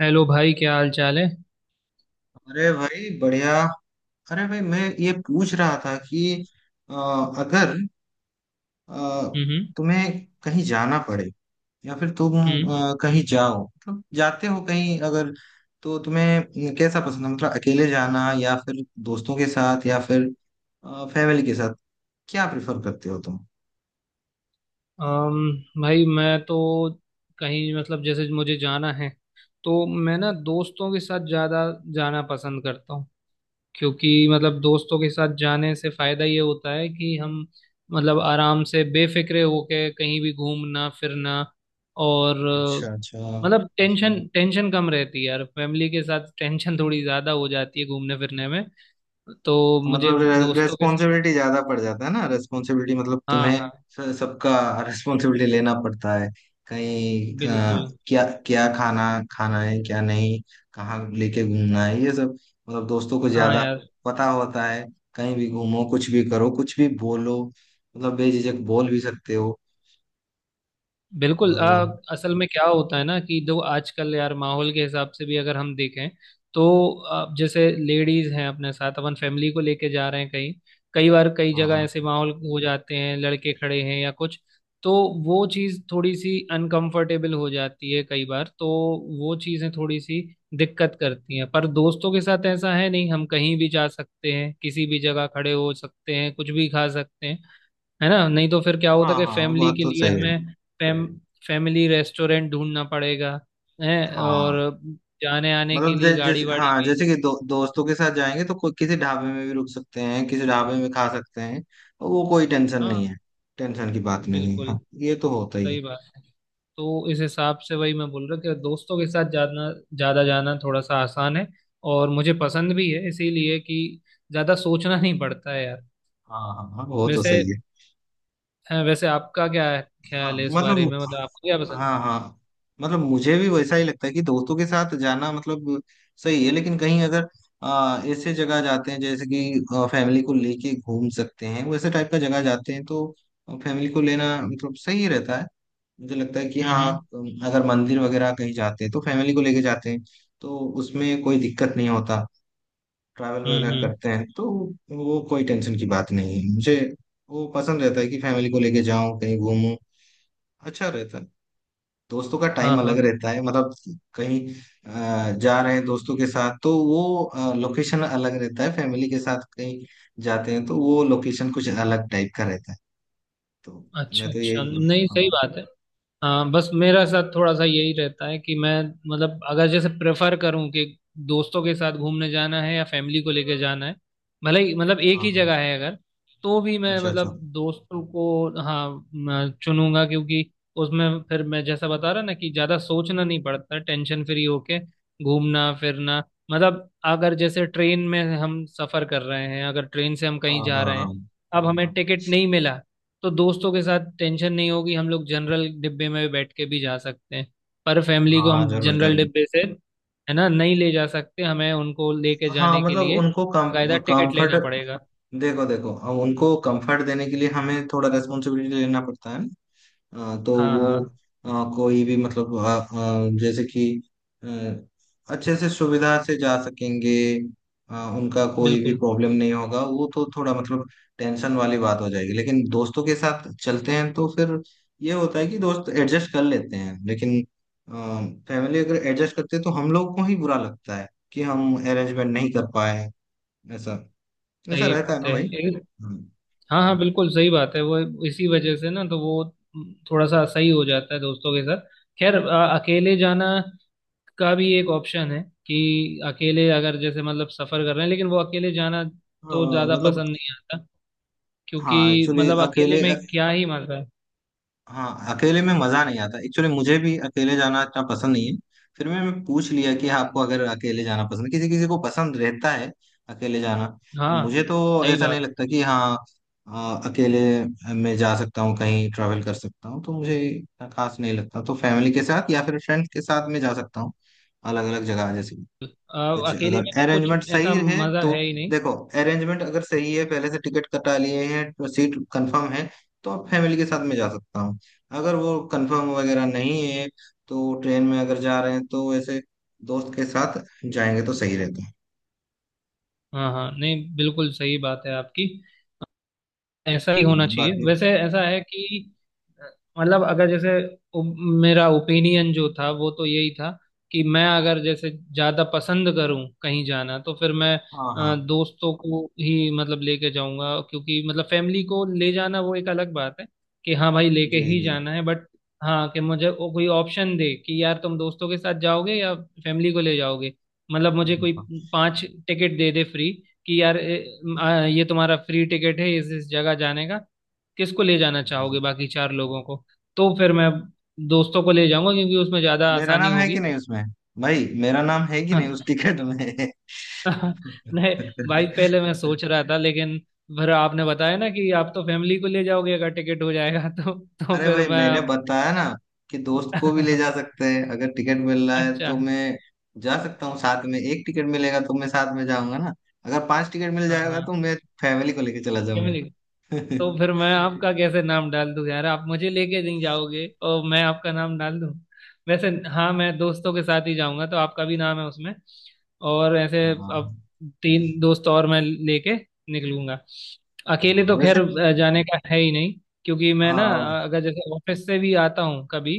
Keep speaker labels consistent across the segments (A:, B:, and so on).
A: Hello भाई क्या हाल चाल है।
B: अरे भाई बढ़िया। अरे भाई मैं ये पूछ रहा था कि अ, अगर अ,
A: हम्म
B: तुम्हें कहीं जाना पड़े या फिर तुम
A: हम्म।
B: कहीं जाओ, मतलब जाते हो कहीं, अगर तो तुम्हें कैसा पसंद है, मतलब अकेले जाना या फिर दोस्तों के साथ या फिर फैमिली के साथ? क्या प्रेफर करते हो तुम?
A: भाई मैं तो कहीं मतलब जैसे मुझे जाना है, तो मैं ना दोस्तों के साथ ज़्यादा जाना पसंद करता हूँ। क्योंकि मतलब दोस्तों के साथ जाने से फ़ायदा ये होता है कि हम मतलब आराम से बेफिक्रे होके कहीं भी घूमना फिरना। और
B: अच्छा अच्छा।
A: मतलब टेंशन टेंशन कम रहती है यार। फैमिली के साथ टेंशन थोड़ी ज़्यादा हो जाती है घूमने फिरने में। तो
B: तो
A: मुझे
B: मतलब
A: दोस्तों के साथ।
B: रेस्पॉन्सिबिलिटी ज्यादा पड़ जाता है ना, रेस्पॉन्सिबिलिटी, मतलब
A: हाँ
B: तुम्हें
A: हाँ।
B: सबका रेस्पॉन्सिबिलिटी लेना पड़ता है, कहीं
A: बिल्कुल।
B: क्या क्या खाना खाना है क्या नहीं, कहाँ लेके घूमना है, ये सब, मतलब दोस्तों को
A: हाँ
B: ज्यादा
A: यार।
B: पता होता है। कहीं भी घूमो, कुछ भी करो, कुछ भी बोलो, मतलब बेझिझक बोल भी सकते हो,
A: बिल्कुल
B: और
A: असल में क्या होता है ना कि जो आजकल यार माहौल के हिसाब से भी अगर हम देखें तो जैसे लेडीज हैं अपने साथ, अपन फैमिली को लेके जा रहे हैं कहीं, कई बार कई
B: हाँ
A: जगह ऐसे
B: हाँ।
A: माहौल हो जाते हैं, लड़के खड़े हैं या कुछ। तो वो चीज़ थोड़ी सी अनकंफर्टेबल हो जाती है कई बार। तो वो चीज़ें थोड़ी सी दिक्कत करती हैं, पर दोस्तों के साथ ऐसा है नहीं, हम कहीं भी जा सकते हैं, किसी भी जगह खड़े हो सकते हैं, कुछ भी खा सकते हैं। है ना? नहीं तो फिर क्या होता
B: हाँ
A: कि
B: हाँ,
A: फैमिली
B: बात
A: के
B: तो
A: लिए
B: सही है।
A: हमें फैम फैमिली रेस्टोरेंट ढूंढना पड़ेगा है।
B: हाँ,
A: और जाने आने के
B: मतलब
A: लिए गाड़ी
B: जैसे,
A: वाड़ी
B: हाँ
A: भी।
B: जैसे कि दोस्तों के साथ जाएंगे तो कोई किसी ढाबे में भी रुक सकते हैं, किसी ढाबे में खा सकते हैं, वो कोई टेंशन नहीं
A: हाँ
B: है। टेंशन की बात नहीं है,
A: बिल्कुल
B: हाँ, ये तो होता ही है।
A: सही बात है। तो इस हिसाब से वही मैं बोल रहा कि दोस्तों के साथ जाना ज़्यादा, जाना थोड़ा सा आसान है। और मुझे पसंद भी है इसीलिए कि ज़्यादा सोचना नहीं पड़ता है यार।
B: हाँ हाँ हाँ, वो तो
A: वैसे
B: सही है।
A: हाँ, वैसे आपका क्या
B: हाँ
A: ख्याल है इस बारे
B: मतलब,
A: में? मतलब आपको क्या पसंद?
B: हाँ हाँ, मतलब मुझे भी वैसा ही लगता है कि दोस्तों के साथ जाना मतलब सही है, लेकिन कहीं अगर ऐसे जगह जाते हैं जैसे कि फैमिली को लेके घूम सकते हैं, वैसे टाइप का जगह जाते हैं, तो फैमिली को लेना मतलब सही रहता है, मुझे लगता है कि हाँ।
A: हम्म।
B: अगर मंदिर वगैरह कहीं जाते हैं तो फैमिली को लेके जाते हैं, तो उसमें कोई दिक्कत नहीं होता। ट्रैवल
A: हम्म
B: वगैरह
A: हम्म,
B: करते हैं तो वो कोई टेंशन की बात नहीं है मुझे, वो पसंद रहता है कि फैमिली को लेके जाऊं कहीं घूमूं, अच्छा रहता है। दोस्तों का
A: हाँ
B: टाइम
A: हाँ,
B: अलग रहता है, मतलब कहीं जा रहे हैं दोस्तों के साथ तो वो लोकेशन अलग रहता है, फैमिली के साथ कहीं जाते हैं तो वो लोकेशन कुछ अलग टाइप का रहता है। तो मैं
A: अच्छा
B: तो
A: अच्छा,
B: यही,
A: नहीं
B: हाँ
A: सही बात है। हाँ, बस मेरा साथ थोड़ा सा यही रहता है कि मैं, मतलब अगर जैसे प्रेफर करूँ कि दोस्तों के साथ घूमने जाना है या फैमिली को लेके जाना है, भले ही मतलब एक
B: हाँ
A: ही
B: हाँ।
A: जगह है अगर, तो भी मैं
B: अच्छा अच्छा।
A: मतलब दोस्तों को, हाँ, मैं चुनूंगा। क्योंकि उसमें फिर मैं जैसा बता रहा ना कि ज़्यादा सोचना नहीं पड़ता, टेंशन फ्री होके घूमना फिरना। मतलब अगर जैसे ट्रेन में हम सफ़र कर रहे हैं, अगर ट्रेन से हम कहीं
B: हाँ
A: जा
B: हाँ
A: रहे हैं,
B: हाँ
A: अब हमें टिकट नहीं मिला, तो दोस्तों के साथ टेंशन नहीं होगी, हम लोग जनरल डिब्बे में बैठ के भी जा सकते हैं। पर फैमिली को
B: हाँ
A: हम
B: जरूर
A: जनरल
B: जरूर।
A: डिब्बे से, है ना, नहीं ले जा सकते। हमें उनको लेके
B: हाँ
A: जाने के
B: मतलब
A: लिए
B: उनको
A: कायदा
B: कम
A: टिकट
B: कंफर्ट।
A: लेना पड़ेगा।
B: देखो देखो, अब उनको कंफर्ट देने के लिए हमें थोड़ा रेस्पॉन्सिबिलिटी लेना पड़ता है। हाँ, तो
A: हाँ
B: वो
A: हाँ
B: अ, कोई भी मतलब जैसे कि अ, अच्छे से सुविधा से जा सकेंगे, उनका कोई भी
A: बिल्कुल
B: प्रॉब्लम नहीं होगा, वो तो थोड़ा मतलब टेंशन वाली बात हो जाएगी। लेकिन दोस्तों के साथ चलते हैं तो फिर ये होता है कि दोस्त एडजस्ट कर लेते हैं, लेकिन फैमिली अगर एडजस्ट करते हैं तो हम लोग को ही बुरा लगता है कि हम अरेंजमेंट नहीं कर पाए। ऐसा ऐसा
A: सही
B: रहता है
A: बात
B: ना
A: है।
B: भाई। हम्म।
A: हाँ हाँ बिल्कुल सही बात है वो। इसी वजह से ना तो वो थोड़ा सा सही हो जाता है दोस्तों के साथ। खैर अकेले जाना का भी एक ऑप्शन है कि अकेले अगर जैसे मतलब सफर कर रहे हैं, लेकिन वो अकेले जाना तो
B: हाँ
A: ज्यादा
B: मतलब,
A: पसंद नहीं आता।
B: हाँ
A: क्योंकि
B: एक्चुअली
A: मतलब अकेले
B: अकेले,
A: में क्या ही मजा है।
B: हाँ अकेले में मजा नहीं आता। एक्चुअली मुझे भी अकेले जाना इतना पसंद नहीं है। फिर मैं पूछ लिया कि आपको अगर अकेले जाना पसंद, किसी किसी को पसंद रहता है अकेले जाना, तो मुझे
A: हाँ
B: तो
A: सही
B: ऐसा नहीं
A: बात।
B: लगता कि हाँ अकेले मैं जा सकता हूँ, कहीं ट्रैवल कर सकता हूँ, तो मुझे इतना खास नहीं लगता, तो फैमिली के साथ या फिर फ्रेंड्स के साथ मैं जा सकता हूँ अलग अलग जगह, जैसे
A: अ,
B: कुछ
A: अकेले
B: अगर
A: में तो कुछ
B: अरेंजमेंट सही
A: ऐसा
B: है
A: मजा
B: तो।
A: है ही नहीं।
B: देखो, अरेंजमेंट अगर सही है, पहले से टिकट कटा लिए हैं, सीट कंफर्म है, तो आप फैमिली के साथ में जा सकता हूँ। अगर वो कंफर्म वगैरह नहीं है तो ट्रेन में अगर जा रहे हैं तो ऐसे दोस्त के साथ जाएंगे तो सही रहता है।
A: हाँ हाँ नहीं बिल्कुल सही बात है आपकी। ऐसा ही होना चाहिए
B: बाकी
A: वैसे। ऐसा है कि अ, मतलब अगर जैसे ओ- मेरा ओपिनियन जो था वो तो यही था कि मैं, अगर जैसे ज्यादा पसंद करूं कहीं जाना, तो फिर मैं
B: हाँ हाँ
A: दोस्तों को ही मतलब लेके जाऊंगा, क्योंकि मतलब फैमिली को ले जाना वो एक अलग बात है कि हाँ भाई लेके
B: जी जी
A: ही
B: जी।
A: जाना है, बट हाँ, कि मुझे वो कोई ऑप्शन दे कि यार तुम दोस्तों के साथ जाओगे या फैमिली को ले जाओगे, मतलब
B: हाँ,
A: मुझे
B: हाँ,
A: कोई
B: हाँ।
A: पांच टिकट दे दे फ्री कि यार ये तुम्हारा फ्री टिकट है इस जगह जाने का, किसको ले जाना
B: अच्छा अच्छा।
A: चाहोगे बाकी चार लोगों को, तो फिर मैं दोस्तों को ले जाऊंगा क्योंकि उसमें ज्यादा
B: मेरा
A: आसानी
B: नाम है कि
A: होगी।
B: नहीं उसमें? भाई मेरा नाम है कि नहीं उस टिकट में?
A: नहीं भाई, पहले मैं सोच रहा था, लेकिन फिर आपने बताया ना कि आप तो फैमिली को ले जाओगे अगर टिकट हो जाएगा। तो
B: अरे
A: फिर
B: भाई
A: मैं
B: मैंने बताया ना कि दोस्त को भी ले जा सकते हैं, अगर टिकट मिल रहा है
A: अच्छा,
B: तो मैं जा सकता हूँ साथ में। एक टिकट मिलेगा तो मैं साथ में जाऊंगा ना, अगर पांच टिकट मिल
A: हाँ
B: जाएगा
A: हाँ।
B: तो मैं फैमिली को लेके चला जाऊंगा।
A: फैमिली। तो फिर मैं आपका कैसे नाम डाल दूं यार? आप मुझे लेके नहीं जाओगे और मैं आपका नाम डाल दूं? वैसे हाँ, मैं दोस्तों के साथ ही जाऊंगा तो आपका भी नाम है उसमें। और ऐसे अब
B: हाँ
A: तीन दोस्त और मैं लेके निकलूंगा। अकेले
B: हाँ
A: तो खैर
B: वैसे।
A: जाने का है ही नहीं। क्योंकि मैं ना
B: हाँ
A: अगर जैसे ऑफिस से भी आता हूँ कभी,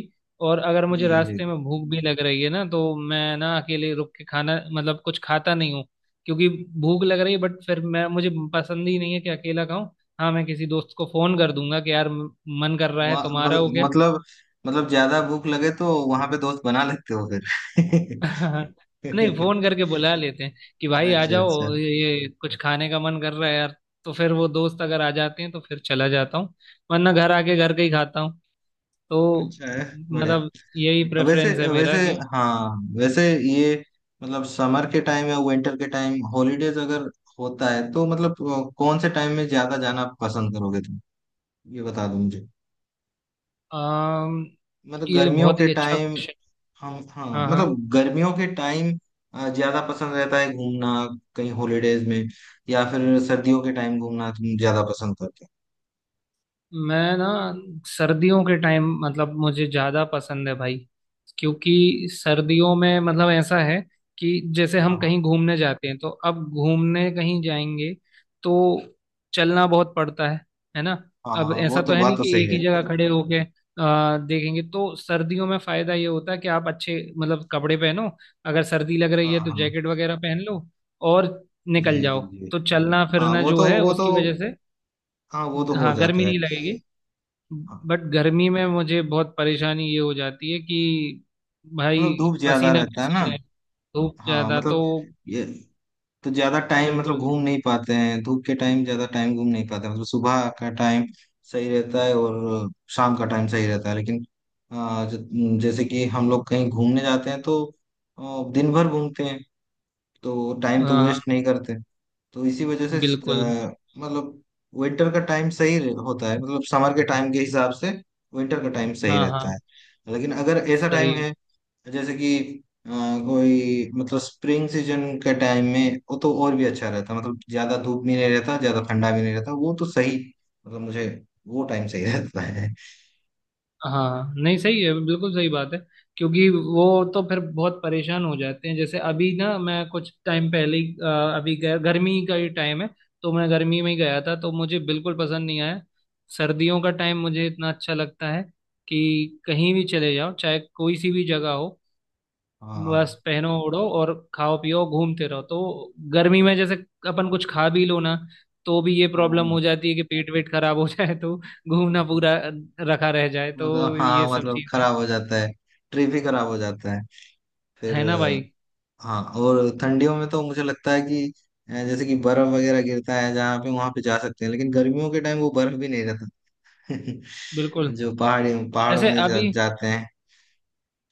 A: और अगर
B: जी
A: मुझे
B: जी।
A: रास्ते में भूख भी लग रही है ना, तो मैं ना अकेले रुक के खाना मतलब कुछ खाता नहीं हूँ। क्योंकि भूख लग रही है, बट फिर मैं, मुझे पसंद ही नहीं है कि अकेला खाऊं। हाँ मैं किसी दोस्त को फोन कर दूंगा कि यार मन कर रहा है
B: वहाँ
A: तुम्हारा, हो क्या?
B: मतलब ज्यादा भूख लगे तो वहां पे दोस्त बना लेते हो फिर?
A: नहीं, फोन करके बुला लेते हैं कि भाई आ
B: अच्छा अच्छा।
A: जाओ, ये कुछ खाने का मन कर रहा है यार। तो फिर वो दोस्त अगर आ जाते हैं तो फिर चला जाता हूँ, वरना घर आके घर का ही खाता हूँ। तो
B: अच्छा है, बढ़िया।
A: मतलब यही
B: वैसे
A: प्रेफरेंस है
B: वैसे
A: मेरा कि
B: हाँ वैसे, ये मतलब समर के टाइम या विंटर के टाइम हॉलीडेज अगर होता है तो मतलब कौन से टाइम में ज्यादा जाना पसंद करोगे तुम? ये बता दो मुझे,
A: अम,
B: मतलब
A: ये
B: गर्मियों
A: बहुत
B: के
A: ही अच्छा
B: टाइम।
A: क्वेश्चन।
B: हम हाँ,
A: हाँ हाँ,
B: मतलब गर्मियों के टाइम ज्यादा पसंद रहता है घूमना कहीं हॉलीडेज में, या फिर सर्दियों के टाइम घूमना तुम ज्यादा पसंद करते
A: मैं ना सर्दियों के टाइम मतलब मुझे ज़्यादा पसंद है भाई। क्योंकि सर्दियों में मतलब ऐसा है कि जैसे
B: हो? हाँ
A: हम
B: हाँ
A: कहीं घूमने जाते हैं तो अब घूमने कहीं जाएंगे तो चलना बहुत पड़ता है। है ना?
B: हाँ
A: अब
B: हाँ, वो
A: ऐसा तो
B: तो
A: है
B: बात
A: नहीं
B: तो
A: कि
B: सही
A: एक
B: है।
A: ही जगह खड़े होके देखेंगे। तो सर्दियों में फ़ायदा ये होता है कि आप अच्छे मतलब कपड़े पहनो, अगर सर्दी लग
B: हाँ
A: रही है तो
B: हाँ
A: जैकेट वगैरह पहन लो, और
B: जी
A: निकल
B: जी
A: जाओ।
B: जी।
A: तो चलना
B: हाँ,
A: फिरना
B: वो
A: जो
B: तो
A: है,
B: वो तो
A: उसकी वजह से
B: हाँ वो तो हो
A: हाँ गर्मी
B: जाता
A: नहीं लगेगी।
B: है।
A: बट गर्मी में मुझे बहुत परेशानी ये हो जाती है कि भाई,
B: मतलब धूप ज्यादा
A: पसीना
B: रहता है ना।
A: पसीना है, धूप
B: हाँ
A: ज्यादा।
B: मतलब
A: तो
B: ये, तो ज्यादा टाइम मतलब
A: बिल्कुल।
B: घूम नहीं पाते हैं, धूप के टाइम ज्यादा टाइम घूम नहीं पाते हैं। मतलब सुबह का टाइम सही रहता है और शाम का टाइम सही रहता है, लेकिन जैसे कि हम लोग कहीं घूमने जाते हैं तो दिन भर घूमते हैं, तो टाइम तो वेस्ट
A: हाँ
B: नहीं करते। तो इसी वजह से
A: बिल्कुल।
B: आ, मतलब विंटर का टाइम सही होता है, मतलब समर के टाइम के हिसाब से विंटर का टाइम सही
A: हाँ
B: रहता है।
A: हाँ
B: लेकिन अगर ऐसा टाइम
A: सही।
B: है तो जैसे कि अ, कोई, मतलब स्प्रिंग सीजन के टाइम में वो तो और भी अच्छा रहता, मतलब ज्यादा धूप भी नहीं रहता, ज्यादा ठंडा भी नहीं रहता, वो तो सही, मतलब मुझे वो टाइम सही रहता है।
A: हाँ नहीं सही है, बिल्कुल सही बात है। क्योंकि वो तो फिर बहुत परेशान हो जाते हैं। जैसे अभी ना, मैं कुछ टाइम पहले ही अभी गर्मी का ही टाइम है तो मैं गर्मी में ही गया था, तो मुझे बिल्कुल पसंद नहीं आया। सर्दियों का टाइम मुझे इतना अच्छा लगता है कि कहीं भी चले जाओ, चाहे कोई सी भी जगह हो, बस
B: हाँ
A: पहनो ओढ़ो और खाओ पियो घूमते रहो। तो गर्मी में जैसे अपन कुछ खा भी लो ना, तो भी ये प्रॉब्लम
B: हाँ
A: हो जाती है कि पेट वेट खराब हो जाए, तो घूमना पूरा रखा रह जाए।
B: मतलब,
A: तो ये
B: हाँ
A: सब
B: मतलब
A: चीजें,
B: खराब हो जाता है, ट्रिप ही खराब हो जाता है फिर
A: है ना भाई।
B: हाँ। और ठंडियों में तो मुझे लगता है कि जैसे कि बर्फ वगैरह गिरता है जहाँ पे वहां पे जा सकते हैं, लेकिन गर्मियों के टाइम वो बर्फ भी नहीं रहता।
A: बिल्कुल,
B: जो पहाड़ी पहाड़ों
A: जैसे
B: में
A: अभी
B: जाते हैं।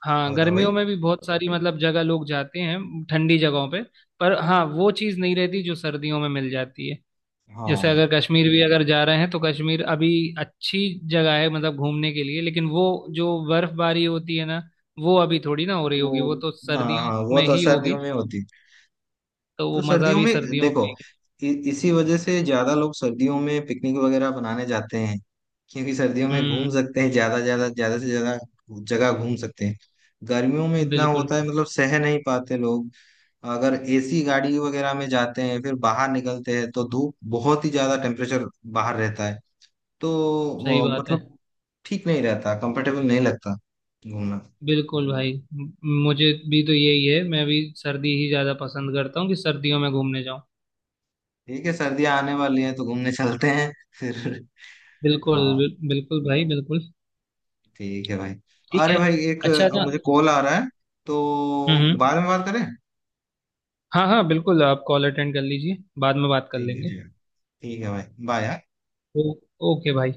A: हाँ
B: हाँ बताओ
A: गर्मियों
B: भाई।
A: में भी बहुत सारी मतलब जगह लोग जाते हैं ठंडी जगहों पे, पर हाँ, वो चीज़ नहीं रहती जो सर्दियों में मिल जाती है। जैसे
B: हाँ
A: अगर कश्मीर भी अगर जा रहे हैं, तो कश्मीर अभी अच्छी जगह है मतलब घूमने के लिए, लेकिन वो जो बर्फबारी होती है ना, वो अभी थोड़ी ना हो रही
B: वो,
A: होगी, वो तो
B: हाँ
A: सर्दियों
B: हाँ वो
A: में
B: तो
A: ही होगी।
B: सर्दियों में होती।
A: तो
B: तो
A: वो मजा
B: सर्दियों
A: भी
B: में
A: सर्दियों
B: देखो,
A: का ही है।
B: इसी वजह से ज्यादा लोग सर्दियों में पिकनिक वगैरह बनाने जाते हैं, क्योंकि सर्दियों में घूम
A: हम्म।
B: सकते हैं, ज्यादा ज्यादा ज्यादा से ज्यादा जगह घूम सकते हैं। गर्मियों में इतना
A: बिल्कुल
B: होता है, मतलब सह नहीं पाते लोग, अगर एसी गाड़ी वगैरह में जाते हैं फिर बाहर निकलते हैं तो धूप बहुत ही ज्यादा टेम्परेचर बाहर रहता है, तो
A: सही बात है।
B: मतलब ठीक नहीं रहता, कंफर्टेबल नहीं लगता घूमना।
A: बिल्कुल भाई मुझे भी तो यही है, मैं भी सर्दी ही ज्यादा पसंद करता हूँ कि सर्दियों में घूमने जाऊँ।
B: ठीक है, सर्दियां आने वाली हैं तो घूमने चलते हैं फिर।
A: बिल्कुल
B: हाँ
A: बिल्कुल भाई बिल्कुल।
B: ठीक है भाई।
A: ठीक
B: अरे
A: है।
B: भाई
A: अच्छा था।
B: मुझे कॉल आ रहा है, तो
A: हम्म हम्म।
B: बाद में बात करें।
A: हाँ हाँ बिल्कुल, आप कॉल अटेंड कर लीजिए, बाद में बात कर
B: ठीक है
A: लेंगे।
B: ठीक है, ठीक है भाई, बाय।
A: ओ, ओके भाई।